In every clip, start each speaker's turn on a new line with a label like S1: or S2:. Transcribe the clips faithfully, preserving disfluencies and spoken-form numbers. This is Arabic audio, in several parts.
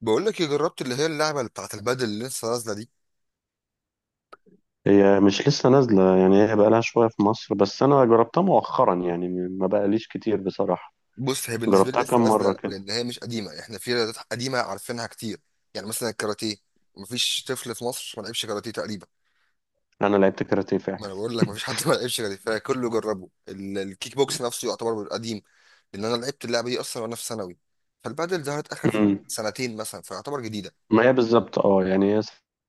S1: بقول لك إيه، جربت اللي هي اللعبه اللي بتاعت البادل اللي لسه نازله دي.
S2: هي مش لسه نازلة، يعني هي بقالها شوية في مصر، بس أنا جربتها مؤخرا يعني، ما بقاليش كتير بصراحة.
S1: بص، هي بالنسبه لي
S2: جربتها
S1: لسه
S2: كم مرة
S1: نازله
S2: كده؟
S1: لان هي مش قديمه. احنا في رياضات قديمه عارفينها كتير. يعني مثلا الكاراتيه، مفيش طفل في مصر ما لعبش كاراتيه تقريبا.
S2: أنا لعبت كاراتيه
S1: ما
S2: فعلا.
S1: انا بقول لك مفيش حد ما لعبش كاراتيه، فكله جربه. ال- الكيك بوكس نفسه يعتبر قديم، لان انا لعبت اللعبه دي اصلا وانا في ثانوي. فالبادل ظهرت اخر
S2: أمم.
S1: سنتين مثلا، فيعتبر جديده.
S2: ما هي بالظبط، اه يعني هي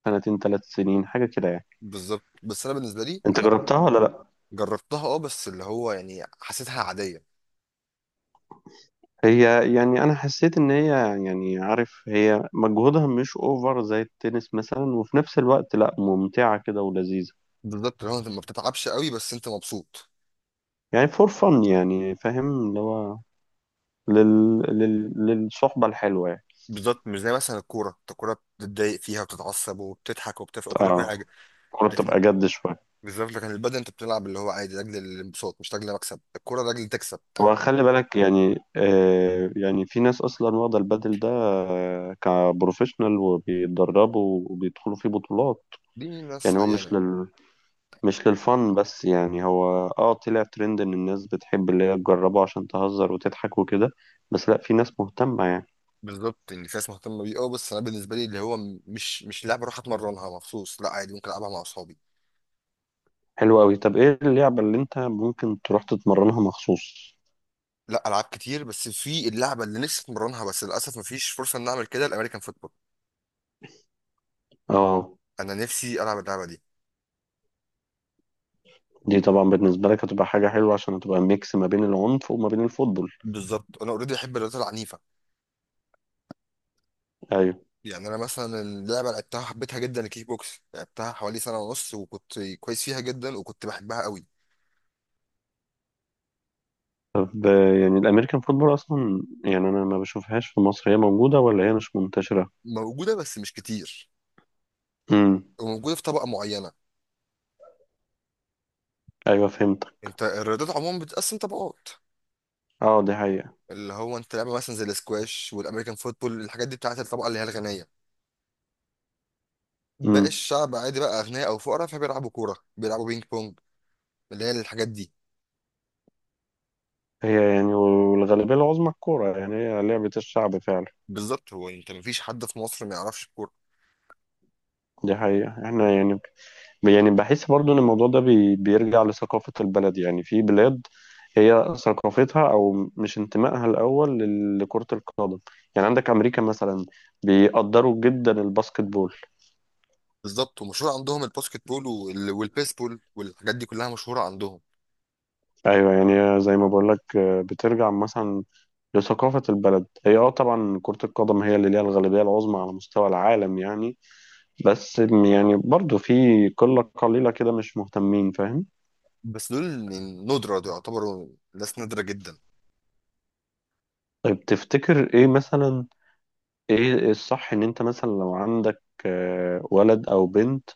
S2: سنتين ثلاث سنين حاجة كده يعني.
S1: بالظبط، بس انا بالنسبه لي
S2: أنت
S1: انا
S2: جربتها ولا لأ؟
S1: جربتها، اه، بس اللي هو يعني حسيتها عاديه.
S2: هي يعني أنا حسيت إن هي، يعني عارف، هي مجهودها مش أوفر زي التنس مثلا، وفي نفس الوقت لأ، ممتعة كده ولذيذة.
S1: بالظبط، اللي هو انت ما بتتعبش قوي بس انت مبسوط.
S2: يعني فور فن، يعني فاهم اللي هو لل... لل... للصحبة الحلوة يعني.
S1: بالظبط، مش زي مثلا الكوره. انت الكوره بتتضايق فيها وبتتعصب وبتضحك وبتفرق وكل كل حاجه.
S2: اه. الكورة بتبقى
S1: لكن،
S2: جد شوية.
S1: بالظبط، لكن البدن انت بتلعب اللي هو عادي لاجل الانبساط، مش لاجل مكسب الكوره لاجل تكسب.
S2: وخلي بالك يعني، آه يعني في ناس اصلا واخده البادل ده آه كبروفيشنال، وبيتدربوا وبيدخلوا فيه بطولات.
S1: دي ناس
S2: يعني هو مش
S1: عيانه.
S2: لل، مش للفن بس، يعني هو اه طلع ترند ان الناس بتحب اللي هي تجربه عشان تهزر وتضحك وكده، بس لا، في ناس مهتمه يعني.
S1: بالظبط، ان في ناس مهتمه بيه، اه، بس انا بالنسبه لي اللي هو م- مش مش لعبه اروح اتمرنها مخصوص، لا عادي ممكن العبها مع اصحابي.
S2: حلو قوي. طب ايه اللعبه اللي انت ممكن تروح تتمرنها مخصوص؟
S1: لا، العاب كتير، بس في اللعبه اللي نفسي اتمرنها بس للاسف مفيش فرصه ان اعمل كده، الامريكان فوتبول.
S2: اه.
S1: انا نفسي العب اللعبه دي.
S2: دي طبعا بالنسبه لك هتبقى حاجه حلوه، عشان هتبقى ميكس ما بين العنف وما بين الفوتبول.
S1: بالظبط، انا اوريدي احب الرياضات العنيفه.
S2: ايوه.
S1: يعني انا مثلا اللعبه اللي لعبتها حبيتها جدا، الكيك بوكس، لعبتها حوالي سنه ونص وكنت كويس فيها جدا وكنت بحبها قوي.
S2: طب آه، يعني الامريكان فوتبول اصلا، يعني انا ما بشوفهاش في مصر. هي موجوده ولا هي مش منتشره؟
S1: موجوده بس مش كتير.
S2: امم.
S1: وموجوده في طبقه معينه.
S2: ايوه فهمت.
S1: انت الرياضات عموما بتتقسم طبقات.
S2: اه دي حقيقه.
S1: اللي هو انت لعبه مثلا زي الاسكواش والامريكان فوتبول، الحاجات دي بتاعت الطبقه اللي هي الغنيه. باقي
S2: امم.
S1: الشعب عادي بقى، اغنياء او فقراء، فبيلعبوا كوره، بيلعبوا بينج بونج، اللي هي الحاجات دي.
S2: هي يعني والغالبيه العظمى الكوره، يعني هي لعبه الشعب فعلا.
S1: بالظبط، هو انت مفيش حد في مصر ما يعرفش الكوره.
S2: دي حقيقه. احنا يعني، يعني بحس برضو ان الموضوع ده بي بيرجع لثقافه البلد، يعني في بلاد هي ثقافتها، او مش انتمائها الاول لل- لكره القدم. يعني عندك امريكا مثلا بيقدروا جدا الباسكت بول.
S1: بالظبط، ومشهور عندهم الباسكت بول وال- والبيسبول والحاجات دي كلها مشهوره عندهم.
S2: ايوه. يعني زي ما بقول لك، بترجع مثلا لثقافة البلد. هي اه طبعا كرة القدم هي اللي ليها الغالبية العظمى على مستوى العالم يعني، بس يعني برضو في قلة قليلة كده مش مهتمين، فاهم.
S1: بس دول ندرة، دول يعتبروا ناس نادرة جدا.
S2: طيب تفتكر ايه مثلا؟ ايه الصح؟ ان انت مثلا لو عندك آه، ولد او بنت،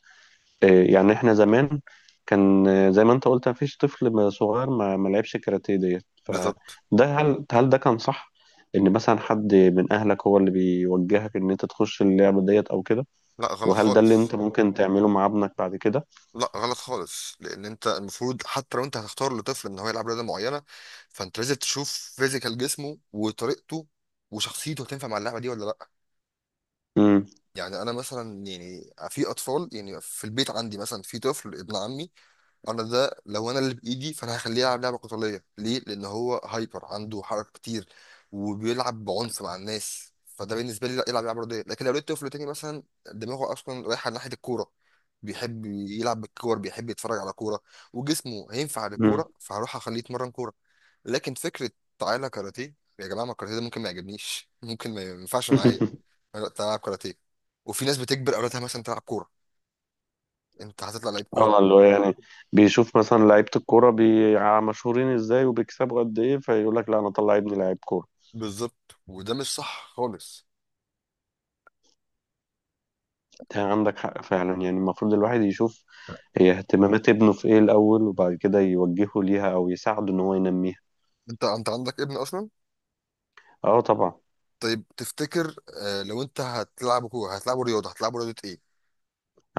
S2: آه، يعني احنا زمان كان، آه، زي ما انت قلت، مفيش طفل ما- صغير ما ما لعبش كاراتيه ديت فده.
S1: بالظبط.
S2: هل هل ده كان صح؟ ان مثلا حد من اهلك هو اللي بيوجهك ان انت تخش اللعبة ديت او كده؟
S1: لا غلط
S2: وهل ده اللي
S1: خالص.
S2: انت ممكن تعمله مع ابنك بعد كده؟
S1: لا غلط خالص، لان انت المفروض حتى لو انت هتختار لطفل ان هو يلعب رياضة معينة، فانت لازم تشوف فيزيكال جسمه وطريقته وشخصيته هتنفع مع اللعبة دي ولا لا.
S2: امم.
S1: يعني انا مثلا، يعني في اطفال، يعني في البيت عندي مثلا في طفل ابن عمي، انا ده لو انا اللي بايدي فانا هخليه يلعب لعبه قتاليه. ليه؟ لان هو هايبر عنده حركه كتير وبيلعب بعنف مع الناس، فده بالنسبه لي لا، يلعب لعبه رياضيه. لكن لو لقيت طفل تاني مثلا دماغه اصلا رايحه ناحيه الكوره، بيحب يلعب بالكور، بيحب يتفرج على كوره، وجسمه هينفع
S2: امم.
S1: للكوره، فهروح اخليه يتمرن كوره. لكن فكره تعالى كاراتيه يا جماعه، ما الكاراتيه ده ممكن ما يعجبنيش، ممكن ما ينفعش معايا. أنا لا، تلعب كاراتيه. وفي ناس بتجبر اولادها مثلا تلعب كوره، انت هتطلع لعيب كوره.
S2: اه. اللي هو يعني بيشوف مثلا لعيبة الكورة بي... مشهورين ازاي، وبيكسبوا قد ايه، فيقول لك لا، انا اطلع ابني لعيب كورة.
S1: بالظبط، وده مش صح خالص.
S2: انت عندك حق فعلا، يعني المفروض الواحد يشوف هي اهتمامات ابنه في ايه الاول، وبعد كده يوجهه ليها او يساعده ان هو ينميها.
S1: انت انت عندك ابن اصلا؟
S2: اه طبعا.
S1: طيب تفتكر، آه، لو انت هتلعبه كوره هتلعبه رياضه هتلعبه رياضه ايه؟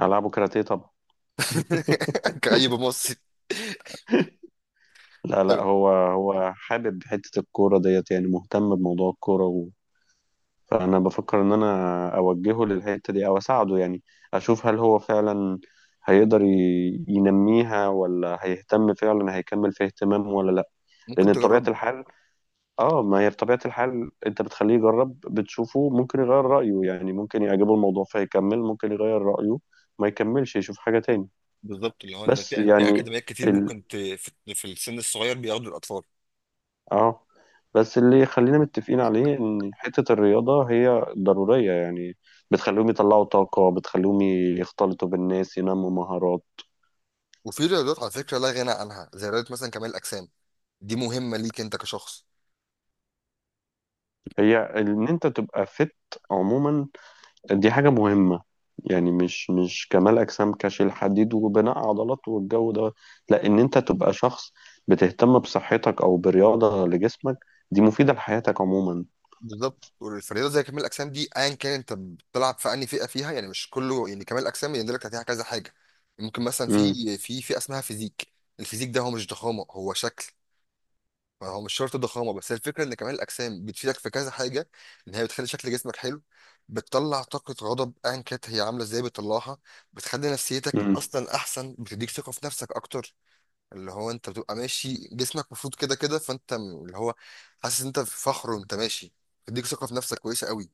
S2: العبه كاراتيه طبعا.
S1: كأي مصري.
S2: لا لا،
S1: طب
S2: هو هو حابب حتة الكورة ديت، يعني مهتم بموضوع الكورة، فأنا بفكر إن أنا أوجهه للحتة دي أو أساعده، يعني أشوف هل هو فعلا هيقدر ي- ينميها ولا هيهتم فعلا، هيكمل فيها اهتمام ولا لأ.
S1: ممكن
S2: لأن بطبيعة
S1: تجربه.
S2: الحال، آه ما هي بطبيعة الحال أنت بتخليه يجرب، بتشوفه ممكن يغير رأيه يعني، ممكن يعجبه الموضوع فيكمل، ممكن يغير رأيه ما يكملش يشوف حاجة تاني.
S1: بالظبط، اللي هو ان
S2: بس
S1: في في
S2: يعني
S1: اكاديميات كتير، ممكن ت... في في السن الصغير بياخدوا الاطفال.
S2: اه بس اللي خلينا متفقين عليه ان حتة الرياضة هي ضرورية، يعني بتخليهم يطلعوا طاقة، بتخليهم يختلطوا بالناس، ينموا مهارات.
S1: وفي رياضات على فكره لا غنى عنها، زي رياضه مثلا كمال الاجسام، دي مهمه ليك انت كشخص.
S2: هي ان انت تبقى فت عموما، دي حاجة مهمة. يعني مش مش كمال اجسام كشيل حديد وبناء عضلات والجو ده، لا، ان انت تبقى شخص بتهتم بصحتك او برياضة لجسمك، دي مفيدة لحياتك عموما.
S1: بالظبط، فالرياضه زي كمال الاجسام دي ايا كان انت بتلعب في انهي فئه فيها، يعني مش كله، يعني كمال الاجسام يندرج تحتها كذا حاجه. ممكن مثلا
S2: امم.
S1: في في فئه اسمها فيزيك. الفيزيك ده هو مش ضخامه، هو شكل. ما هو مش شرط ضخامه، بس هي الفكره ان كمال الاجسام بتفيدك في كذا حاجه. ان هي بتخلي شكل جسمك حلو، بتطلع طاقه غضب ايا كانت هي عامله ازاي بتطلعها، بتخلي نفسيتك
S2: امم.
S1: اصلا احسن، بتديك ثقه في نفسك اكتر. اللي هو انت بتبقى ماشي جسمك مفروض كده كده، فانت م- اللي هو حاسس ان انت في فخر وانت ماشي، بتديك ثقه في نفسك كويسه قوي.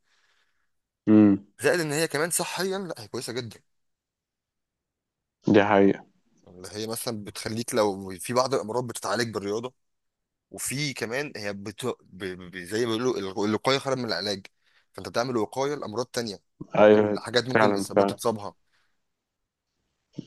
S2: امم.
S1: زائد ان هي كمان صحيا لا هي كويسه جدا.
S2: دي حقيقة.
S1: اللي هي مثلا بتخليك لو في بعض الامراض بتتعالج بالرياضه. وفي كمان هي بت... ب... ب... زي ما بيقولوا الغ- الوقايه خير من العلاج. فانت بتعمل وقايه لامراض تانية، او
S2: ايوه
S1: لحاجات ممكن
S2: فعلا
S1: اصابات
S2: فعلا.
S1: تتصابها.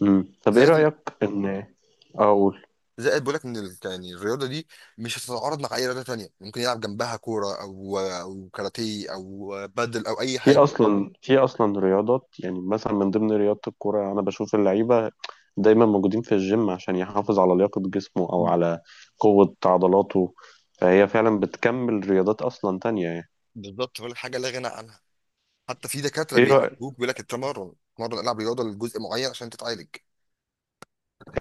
S2: مم. طب ايه
S1: زائد ال-
S2: رأيك ان اقول؟
S1: زائد بقول لك ان ال... يعني الرياضه دي مش هتتعارض مع اي رياضه تانية، ممكن يلعب جنبها كوره او او كاراتيه او بادل او اي
S2: في
S1: حاجه.
S2: اصلا في اصلا رياضات، يعني مثلا من ضمن رياضة الكورة انا بشوف اللعيبة دايما موجودين في الجيم عشان يحافظ على لياقة جسمه او على قوة عضلاته. فهي فعلا بتكمل رياضات اصلا تانية يعني.
S1: بالظبط، بقول لك حاجه لا غنى عنها. حتى في دكاتره
S2: ايه رأيك؟
S1: بيعالجوك بيقول لك التمرن، اتمرن العب رياضه لجزء معين عشان تتعالج.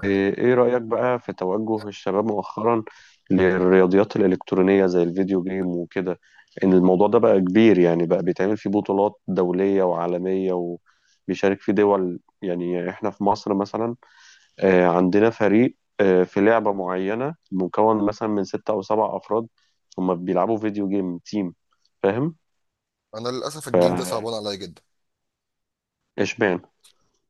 S2: إيه إيه رأيك بقى في توجه الشباب مؤخرا للرياضيات الإلكترونية زي الفيديو جيم وكده؟ إن الموضوع ده بقى كبير، يعني بقى بيتعمل فيه بطولات دولية وعالمية، وبيشارك فيه دول. يعني إحنا في مصر مثلا، آه، عندنا فريق آه، في لعبة معينة مكون مثلا من ستة أو سبع أفراد، هما بيلعبوا فيديو جيم تيم، فاهم؟
S1: انا للاسف الجيل ده صعبان عليا جدا،
S2: فإشبعنا.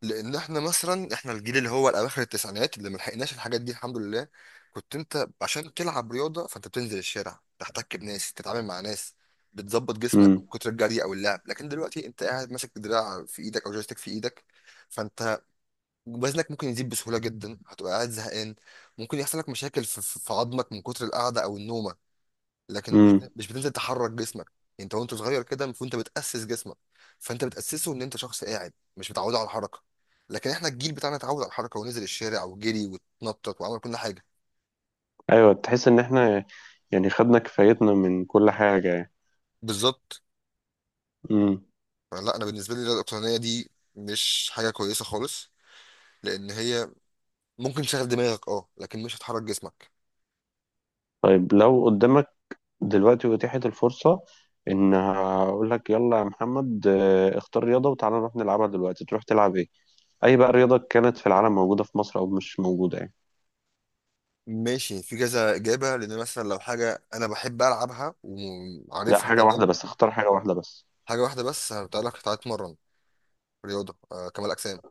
S1: لان احنا مثلا احنا الجيل اللي هو اواخر التسعينات، اللي ملحقناش الحاجات دي الحمد لله. كنت انت عشان تلعب رياضه فانت بتنزل الشارع تحتك بناس، تتعامل مع ناس، بتظبط جسمك من
S2: مم.
S1: كتر الجري او اللعب. لكن دلوقتي انت قاعد ماسك دراع في ايدك او جويستيك في ايدك، فانت وزنك ممكن يزيد بسهوله جدا، هتبقى قاعد زهقان، ممكن يحصل لك مشاكل في في- في عظمك من كتر القعده او النومه. لكن مش
S2: مم.
S1: مش بتنزل تحرك جسمك يعني. انت وانت صغير كده المفروض انت بتاسس جسمك، فانت بتاسسه ان انت شخص قاعد مش متعود على الحركه. لكن احنا الجيل بتاعنا اتعود على الحركه ونزل الشارع وجري واتنطط وعمل كل حاجه.
S2: أيوة، تحس إن إحنا يعني خدنا كفايتنا من كل حاجة
S1: بالظبط.
S2: يعني.
S1: فلا، انا بالنسبه لي الاقتصاديه دي مش حاجه كويسه خالص، لان هي ممكن تشغل دماغك، اه، لكن مش هتحرك جسمك.
S2: طيب لو قدامك دلوقتي أتيحت الفرصة، إن هقول لك يلا يا محمد، آه، اختار رياضة وتعالى نروح نلعبها دلوقتي، تروح تلعب إيه؟ أي بقى رياضة كانت في العالم، موجودة في مصر أو مش موجودة يعني.
S1: ماشي، في كذا اجابه، لان مثلا لو حاجه انا بحب العبها
S2: لا
S1: وعارفها
S2: حاجة
S1: تمام،
S2: واحدة بس، اختار حاجة واحدة بس.
S1: حاجه واحده بس هتقول لك تعالى اتمرن رياضه، آه كمال اجسام.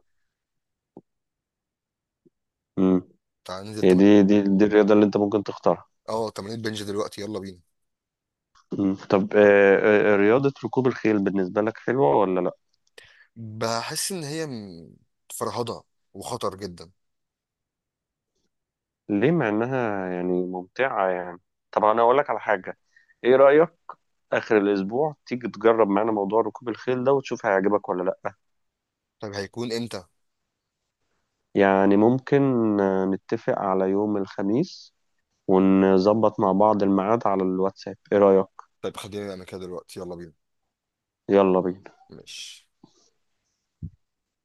S2: امم.
S1: تعالى ننزل
S2: هي
S1: تمرين.
S2: دي دي دي الرياضة اللي أنت ممكن تختارها؟
S1: اه، تمرين بنج دلوقتي، يلا بينا.
S2: مم. طب آه، آه، آه، رياضة ركوب الخيل بالنسبة لك حلوة ولا لأ؟
S1: بحس ان هي م- فرهضه وخطر جدا.
S2: ليه مع إنها يعني ممتعة يعني؟ طب أنا أقول لك على حاجة. إيه رأيك آخر الأسبوع تيجي تجرب معانا موضوع ركوب الخيل ده وتشوف هيعجبك ولا لأ؟
S1: طيب هيكون امتى؟
S2: يعني ممكن، آه، نتفق على يوم الخميس، ونظبط مع بعض الميعاد على الواتساب. ايه رأيك؟
S1: طيب خلينا نعمل كده دلوقتي، يلا بينا.
S2: يلا بينا.
S1: ماشي.